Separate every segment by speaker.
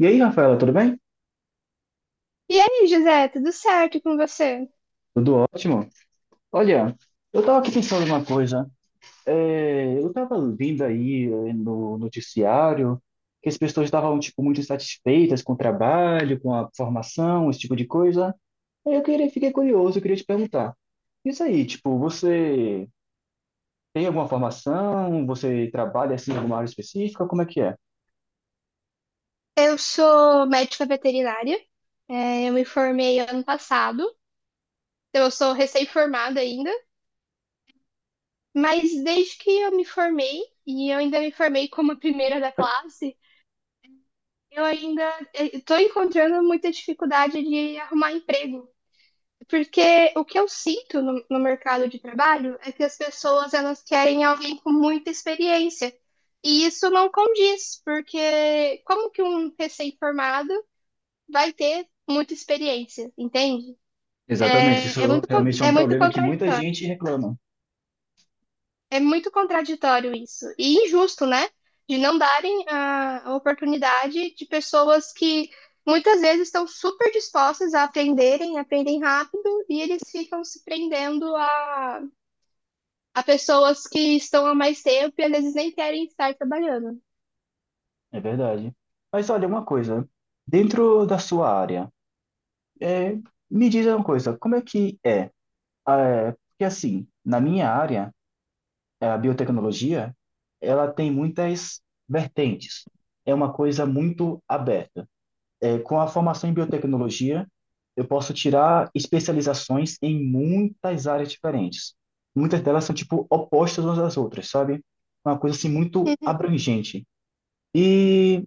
Speaker 1: E aí, Rafaela, tudo bem?
Speaker 2: E aí, José, tudo certo com você?
Speaker 1: Tudo ótimo. Olha, eu estava aqui pensando uma coisa. Eu estava vendo aí no noticiário que as pessoas estavam tipo muito insatisfeitas com o trabalho, com a formação, esse tipo de coisa. Aí fiquei curioso, eu queria te perguntar. Isso aí, tipo, você tem alguma formação? Você trabalha assim em alguma área específica? Como é que é?
Speaker 2: Eu sou médica veterinária, eu me formei ano passado, então eu sou recém-formada ainda, mas desde que eu me formei, e eu ainda me formei como a primeira da classe, eu ainda estou encontrando muita dificuldade de arrumar emprego, porque o que eu sinto no mercado de trabalho é que as pessoas elas querem alguém com muita experiência, e isso não condiz, porque como que um recém-formado vai ter muita experiência, entende?
Speaker 1: Exatamente, isso realmente é
Speaker 2: É
Speaker 1: um
Speaker 2: muito
Speaker 1: problema que muita
Speaker 2: contraditório.
Speaker 1: gente reclama.
Speaker 2: É muito contraditório isso. E injusto, né? De não darem a oportunidade de pessoas que muitas vezes estão super dispostas a aprenderem, aprendem rápido, e eles ficam se prendendo a pessoas que estão há mais tempo e às vezes nem querem estar trabalhando.
Speaker 1: É verdade. Mas olha, uma coisa, dentro da sua área. É, me diz uma coisa, como é que é? Porque assim, na minha área, a biotecnologia, ela tem muitas vertentes. É uma coisa muito aberta. É, com a formação em biotecnologia, eu posso tirar especializações em muitas áreas diferentes. Muitas delas são tipo opostas umas às outras, sabe? É uma coisa assim muito
Speaker 2: Uhum.
Speaker 1: abrangente. E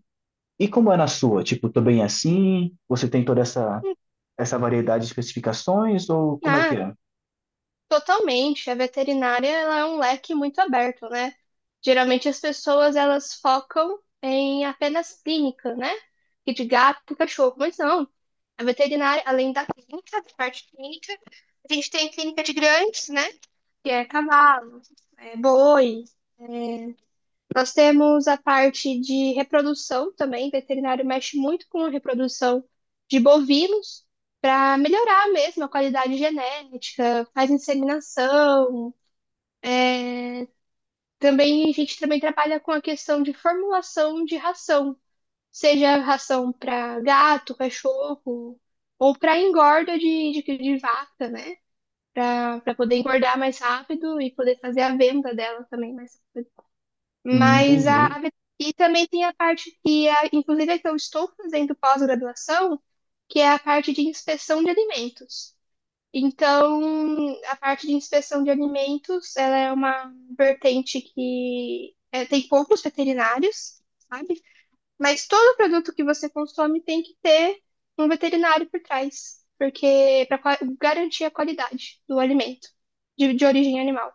Speaker 1: e como é na sua? Tipo, também é assim? Você tem toda essa variedade de especificações ou como é
Speaker 2: Ah,
Speaker 1: que é?
Speaker 2: totalmente, a veterinária ela é um leque muito aberto, né? Geralmente as pessoas elas focam em apenas clínica, né? E de gato, cachorro, mas não. A veterinária, além da clínica, da parte clínica, a gente tem a clínica de grandes, né? Que é cavalo, é boi. Nós temos a parte de reprodução também. Veterinário mexe muito com a reprodução de bovinos para melhorar mesmo a qualidade genética, faz inseminação. Também a gente também trabalha com a questão de formulação de ração, seja ração para gato, cachorro ou para engorda de vaca, né? Para poder engordar mais rápido e poder fazer a venda dela também mais.
Speaker 1: Hum,
Speaker 2: Mas a
Speaker 1: entendi,
Speaker 2: a vet- e também tem a parte que, a, inclusive, é que eu estou fazendo pós-graduação, que é a parte de inspeção de alimentos. Então, a parte de inspeção de alimentos, ela é uma vertente que é, tem poucos veterinários, sabe? Mas todo produto que você consome tem que ter um veterinário por trás, porque para garantir a qualidade do alimento de origem animal.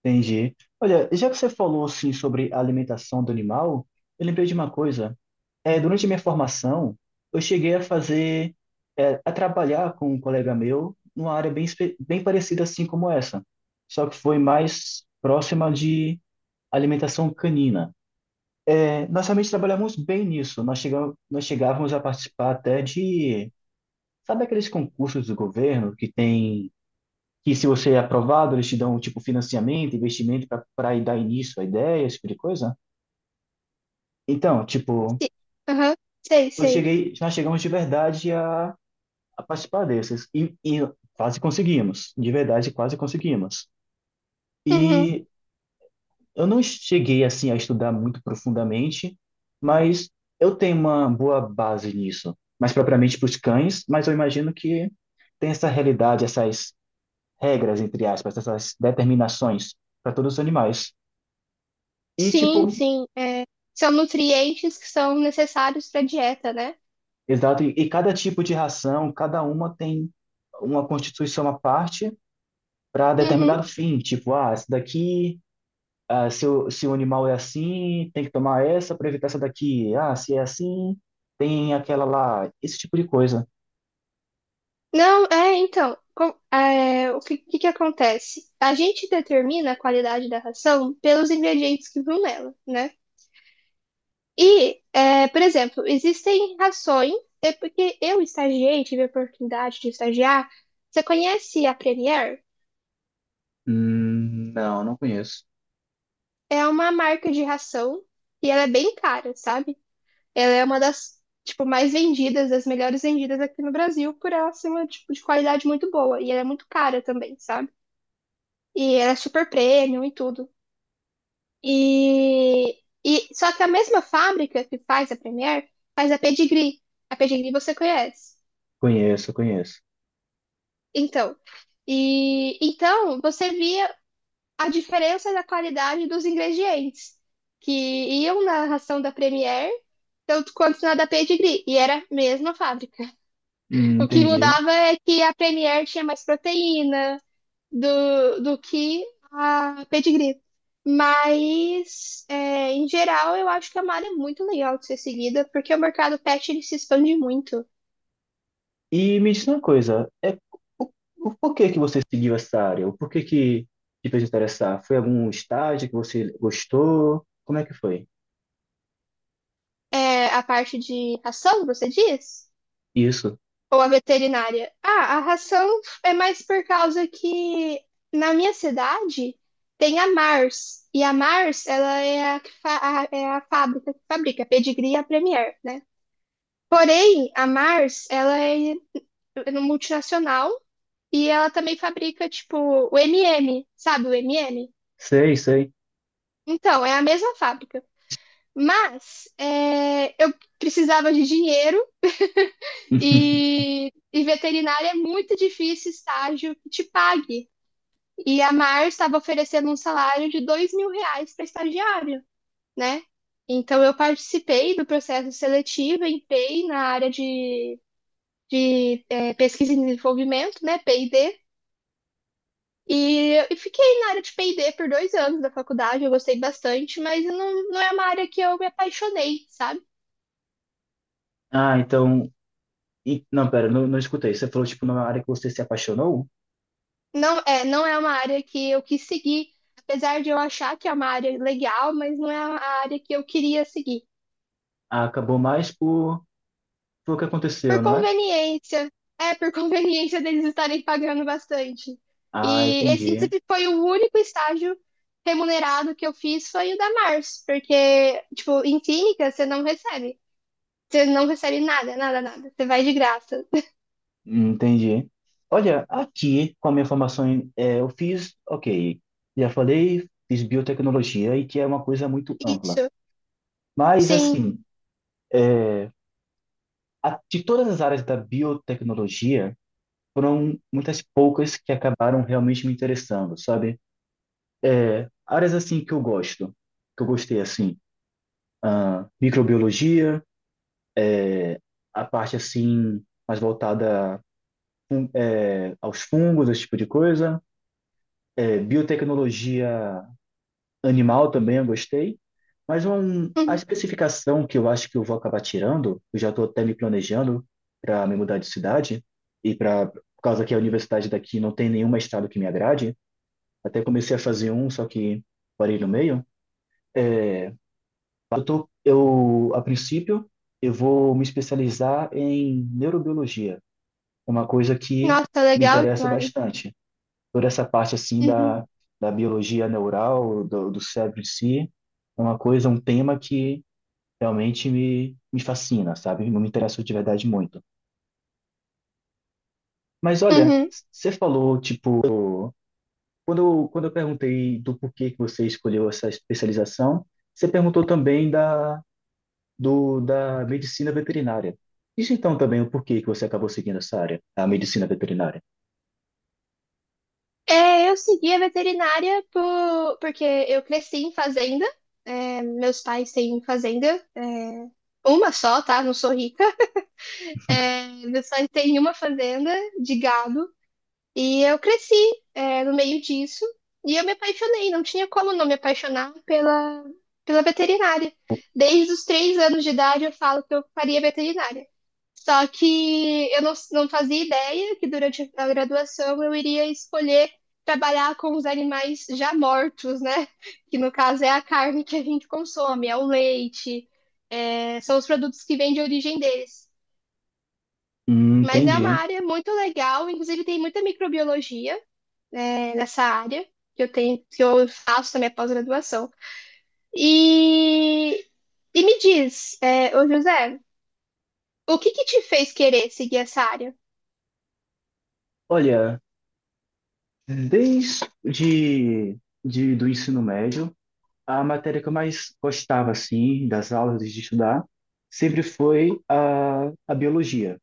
Speaker 1: entendi. Olha, já que você falou assim sobre a alimentação do animal, eu lembrei de uma coisa. Durante a minha formação, eu cheguei a fazer, é, a trabalhar com um colega meu numa área bem, bem parecida assim como essa, só que foi mais próxima de alimentação canina. É, nós realmente trabalhamos bem nisso. Nós chegávamos a participar até de, sabe aqueles concursos do governo que tem que se você é aprovado, eles te dão, tipo, financiamento, investimento para dar início à ideia, esse tipo de coisa. Então, tipo,
Speaker 2: Sim. Aham, sei, sei.
Speaker 1: nós chegamos de verdade a participar desses. E quase conseguimos. De verdade, quase conseguimos.
Speaker 2: Uhum.
Speaker 1: E eu não cheguei, assim, a estudar muito profundamente, mas eu tenho uma boa base nisso. Mais propriamente para os cães, mas eu imagino que tem essa realidade, essas regras, entre aspas, essas determinações para todos os animais. E,
Speaker 2: Sim,
Speaker 1: tipo,
Speaker 2: sim. É, são nutrientes que são necessários para a dieta, né?
Speaker 1: exato, e cada tipo de ração, cada uma tem uma constituição à parte para
Speaker 2: Uhum.
Speaker 1: determinado fim. Tipo, ah, essa daqui, ah, se o animal é assim, tem que tomar essa para evitar essa daqui. Ah, se é assim, tem aquela lá. Esse tipo de coisa.
Speaker 2: Não, é, então, com- é, o que, que acontece? A gente determina a qualidade da ração pelos ingredientes que vão nela, né? Por exemplo, existem rações, é porque eu estagiei, tive a oportunidade de estagiar. Você conhece a Premier?
Speaker 1: Não conheço.
Speaker 2: É uma marca de ração e ela é bem cara, sabe? Ela é uma das, tipo, mais vendidas, das melhores vendidas aqui no Brasil, por ela ser uma, tipo, de qualidade muito boa. E ela é muito cara também, sabe? E ela é super premium e tudo. E só que a mesma fábrica que faz a Premier faz a Pedigree. A Pedigree você conhece.
Speaker 1: Conheço, conheço.
Speaker 2: Então, e então você via a diferença da qualidade dos ingredientes que iam na ração da Premier, tanto quanto na da Pedigree, e era a mesma fábrica. O que
Speaker 1: Entendi.
Speaker 2: mudava é que a Premier tinha mais proteína, do que a pedigree. Mas, é, em geral, eu acho que a uma é muito legal de ser seguida, porque o mercado pet ele se expande muito.
Speaker 1: E me diz uma coisa, o, o porquê que você seguiu essa área? O porquê que te fez interessar? Foi algum estágio que você gostou? Como é que foi?
Speaker 2: É, a parte de ração, você diz?
Speaker 1: Isso.
Speaker 2: Ou a veterinária? Ah, a ração é mais por causa que na minha cidade tem a Mars. E a Mars, ela é a, que fa- a- é a fábrica que fabrica pedigree e a Premier, né? Porém, a Mars, ela é multinacional. E ela também fabrica, tipo, o MM, sabe o MM?
Speaker 1: Sei, sei.
Speaker 2: Então, é a mesma fábrica. Mas é, eu precisava de dinheiro. E veterinária é muito difícil estágio que te pague. E a Mar estava oferecendo um salário de R$ 2.000 para estagiário, né? Então eu participei do processo seletivo em PEI na área de pesquisa e desenvolvimento, né? P&D, e fiquei na área de P&D por 2 anos da faculdade, eu gostei bastante, mas não é uma área que eu me apaixonei, sabe?
Speaker 1: Ah, então. Não, pera, não escutei. Você falou, tipo, numa área que você se apaixonou?
Speaker 2: Não é uma área que eu quis seguir, apesar de eu achar que é uma área legal, mas não é a área que eu queria seguir.
Speaker 1: Ah, acabou mais por o que
Speaker 2: Por
Speaker 1: aconteceu, não é?
Speaker 2: conveniência, é, por conveniência deles estarem pagando bastante.
Speaker 1: Ah,
Speaker 2: E esse
Speaker 1: entendi.
Speaker 2: inclusive, foi o único estágio remunerado que eu fiz foi o da Mars, porque, tipo, em clínica você não recebe. Você não recebe nada, nada, nada. Você vai de graça.
Speaker 1: Entendi. Olha, aqui, com a minha formação, eu fiz, ok, já falei, fiz biotecnologia, e que é uma coisa muito ampla.
Speaker 2: Isso,
Speaker 1: Mas,
Speaker 2: sim.
Speaker 1: assim, é, de todas as áreas da biotecnologia, foram muitas poucas que acabaram realmente me interessando, sabe? É, áreas assim que eu gosto, que eu gostei assim, ah, microbiologia, a parte assim mais voltada fun- aos fungos, esse tipo de coisa. É, biotecnologia animal também eu gostei, mas a
Speaker 2: Uhum.
Speaker 1: especificação que eu acho que eu vou acabar tirando, eu já estou até me planejando para me mudar de cidade e para, por causa que a universidade daqui não tem nenhum mestrado que me agrade, até comecei a fazer um, só que parei no meio. A princípio, eu vou me especializar em neurobiologia, uma coisa que
Speaker 2: Nossa, tá
Speaker 1: me
Speaker 2: legal
Speaker 1: interessa
Speaker 2: demais.
Speaker 1: bastante. Toda essa parte assim
Speaker 2: Uhum.
Speaker 1: da biologia neural, do cérebro em si, é uma coisa, um tema que realmente me fascina, sabe? Não me interessa de verdade muito. Mas olha,
Speaker 2: Uhum.
Speaker 1: você falou, tipo, quando eu perguntei do porquê que você escolheu essa especialização, você perguntou também da da medicina veterinária. Diz então também o porquê que você acabou seguindo essa área, a medicina veterinária.
Speaker 2: É, eu segui a veterinária por, porque eu cresci em fazenda. É, meus pais têm fazenda, é, uma só, tá? Não sou rica. É, meus pais têm uma fazenda de gado e eu cresci, é, no meio disso e eu me apaixonei. Não tinha como não me apaixonar pela, pela veterinária. Desde os 3 anos de idade eu falo que eu faria veterinária. Só que eu não fazia ideia que durante a graduação eu iria escolher trabalhar com os animais já mortos, né? Que no caso é a carne que a gente consome, é o leite, é, são os produtos que vêm de origem deles. Mas é uma
Speaker 1: Entendi.
Speaker 2: área muito legal, inclusive tem muita microbiologia, né, nessa área que eu tenho, que eu faço também a pós-graduação. E, e me diz, é, ô José, o que te fez querer seguir essa área?
Speaker 1: Olha, desde de, do ensino médio, a matéria que eu mais gostava, assim, das aulas de estudar, sempre foi a biologia.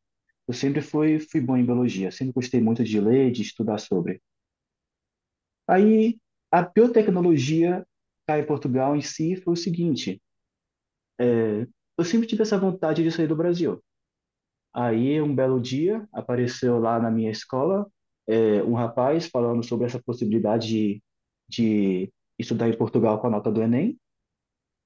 Speaker 1: Fui bom em biologia, sempre gostei muito de ler, de estudar sobre. Aí, a biotecnologia cá em Portugal em si foi o seguinte, é, eu sempre tive essa vontade de sair do Brasil. Aí, um belo dia, apareceu lá na minha escola, é, um rapaz falando sobre essa possibilidade de estudar em Portugal com a nota do Enem.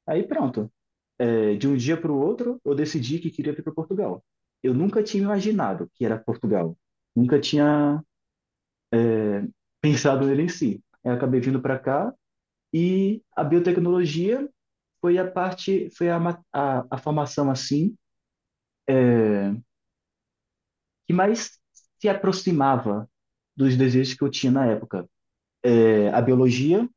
Speaker 1: Aí, pronto. É, de um dia para o outro, eu decidi que queria vir para Portugal. Eu nunca tinha imaginado que era Portugal. Nunca tinha pensado nele em si. Eu acabei vindo para cá e a biotecnologia foi a parte, foi a, ma- a formação assim que mais se aproximava dos desejos que eu tinha na época, é, a biologia,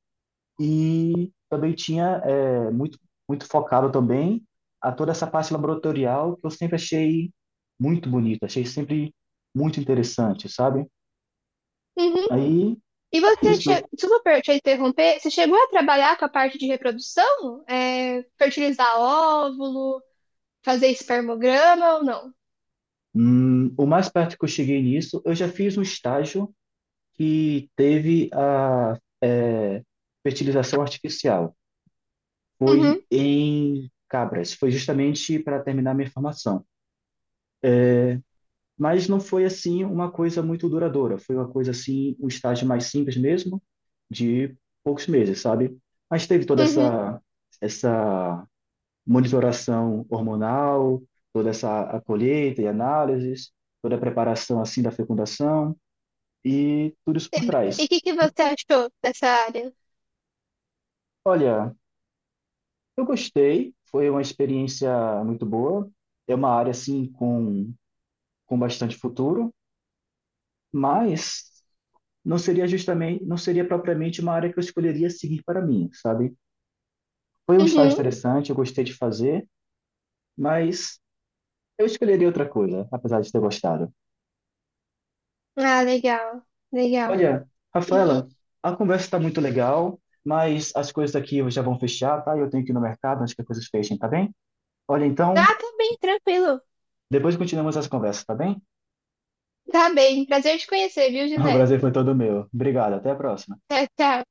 Speaker 1: e também tinha muito focado também a toda essa parte laboratorial que eu sempre achei muito bonita, achei sempre muito interessante, sabe? Aí
Speaker 2: E
Speaker 1: é
Speaker 2: você, che...
Speaker 1: isso,
Speaker 2: desculpa per- te interromper, você chegou a trabalhar com a parte de reprodução? É, fertilizar óvulo, fazer espermograma ou não?
Speaker 1: o mais perto que eu cheguei nisso, eu já fiz um estágio que teve a é, fertilização artificial, foi
Speaker 2: Uhum,
Speaker 1: em cabras, foi justamente para terminar minha formação. Mas não foi assim uma coisa muito duradoura, foi uma coisa assim, um estágio mais simples mesmo, de poucos meses, sabe? Mas teve toda
Speaker 2: uhum.
Speaker 1: essa monitoração hormonal, toda essa a colheita e análises, toda a preparação assim da fecundação e tudo isso por
Speaker 2: E o
Speaker 1: trás.
Speaker 2: que você achou dessa área?
Speaker 1: Olha, eu gostei, foi uma experiência muito boa, é uma área assim com bastante futuro, mas não seria propriamente uma área que eu escolheria seguir para mim, sabe? Foi um estágio
Speaker 2: Uhum.
Speaker 1: interessante, eu gostei de fazer, mas eu escolheria outra coisa, apesar de ter gostado.
Speaker 2: Ah, legal, legal.
Speaker 1: Olha,
Speaker 2: E
Speaker 1: Rafaela, a conversa está muito legal, mas as coisas aqui já vão fechar, tá? Eu tenho que ir no mercado antes que as coisas fechem, tá bem? Olha, então,
Speaker 2: ah, tá bem, tranquilo.
Speaker 1: depois continuamos as conversas, tá bem?
Speaker 2: Tá bem, prazer te conhecer, viu,
Speaker 1: O
Speaker 2: José?
Speaker 1: prazer foi todo meu. Obrigado, até a próxima.
Speaker 2: Tchau, tchau.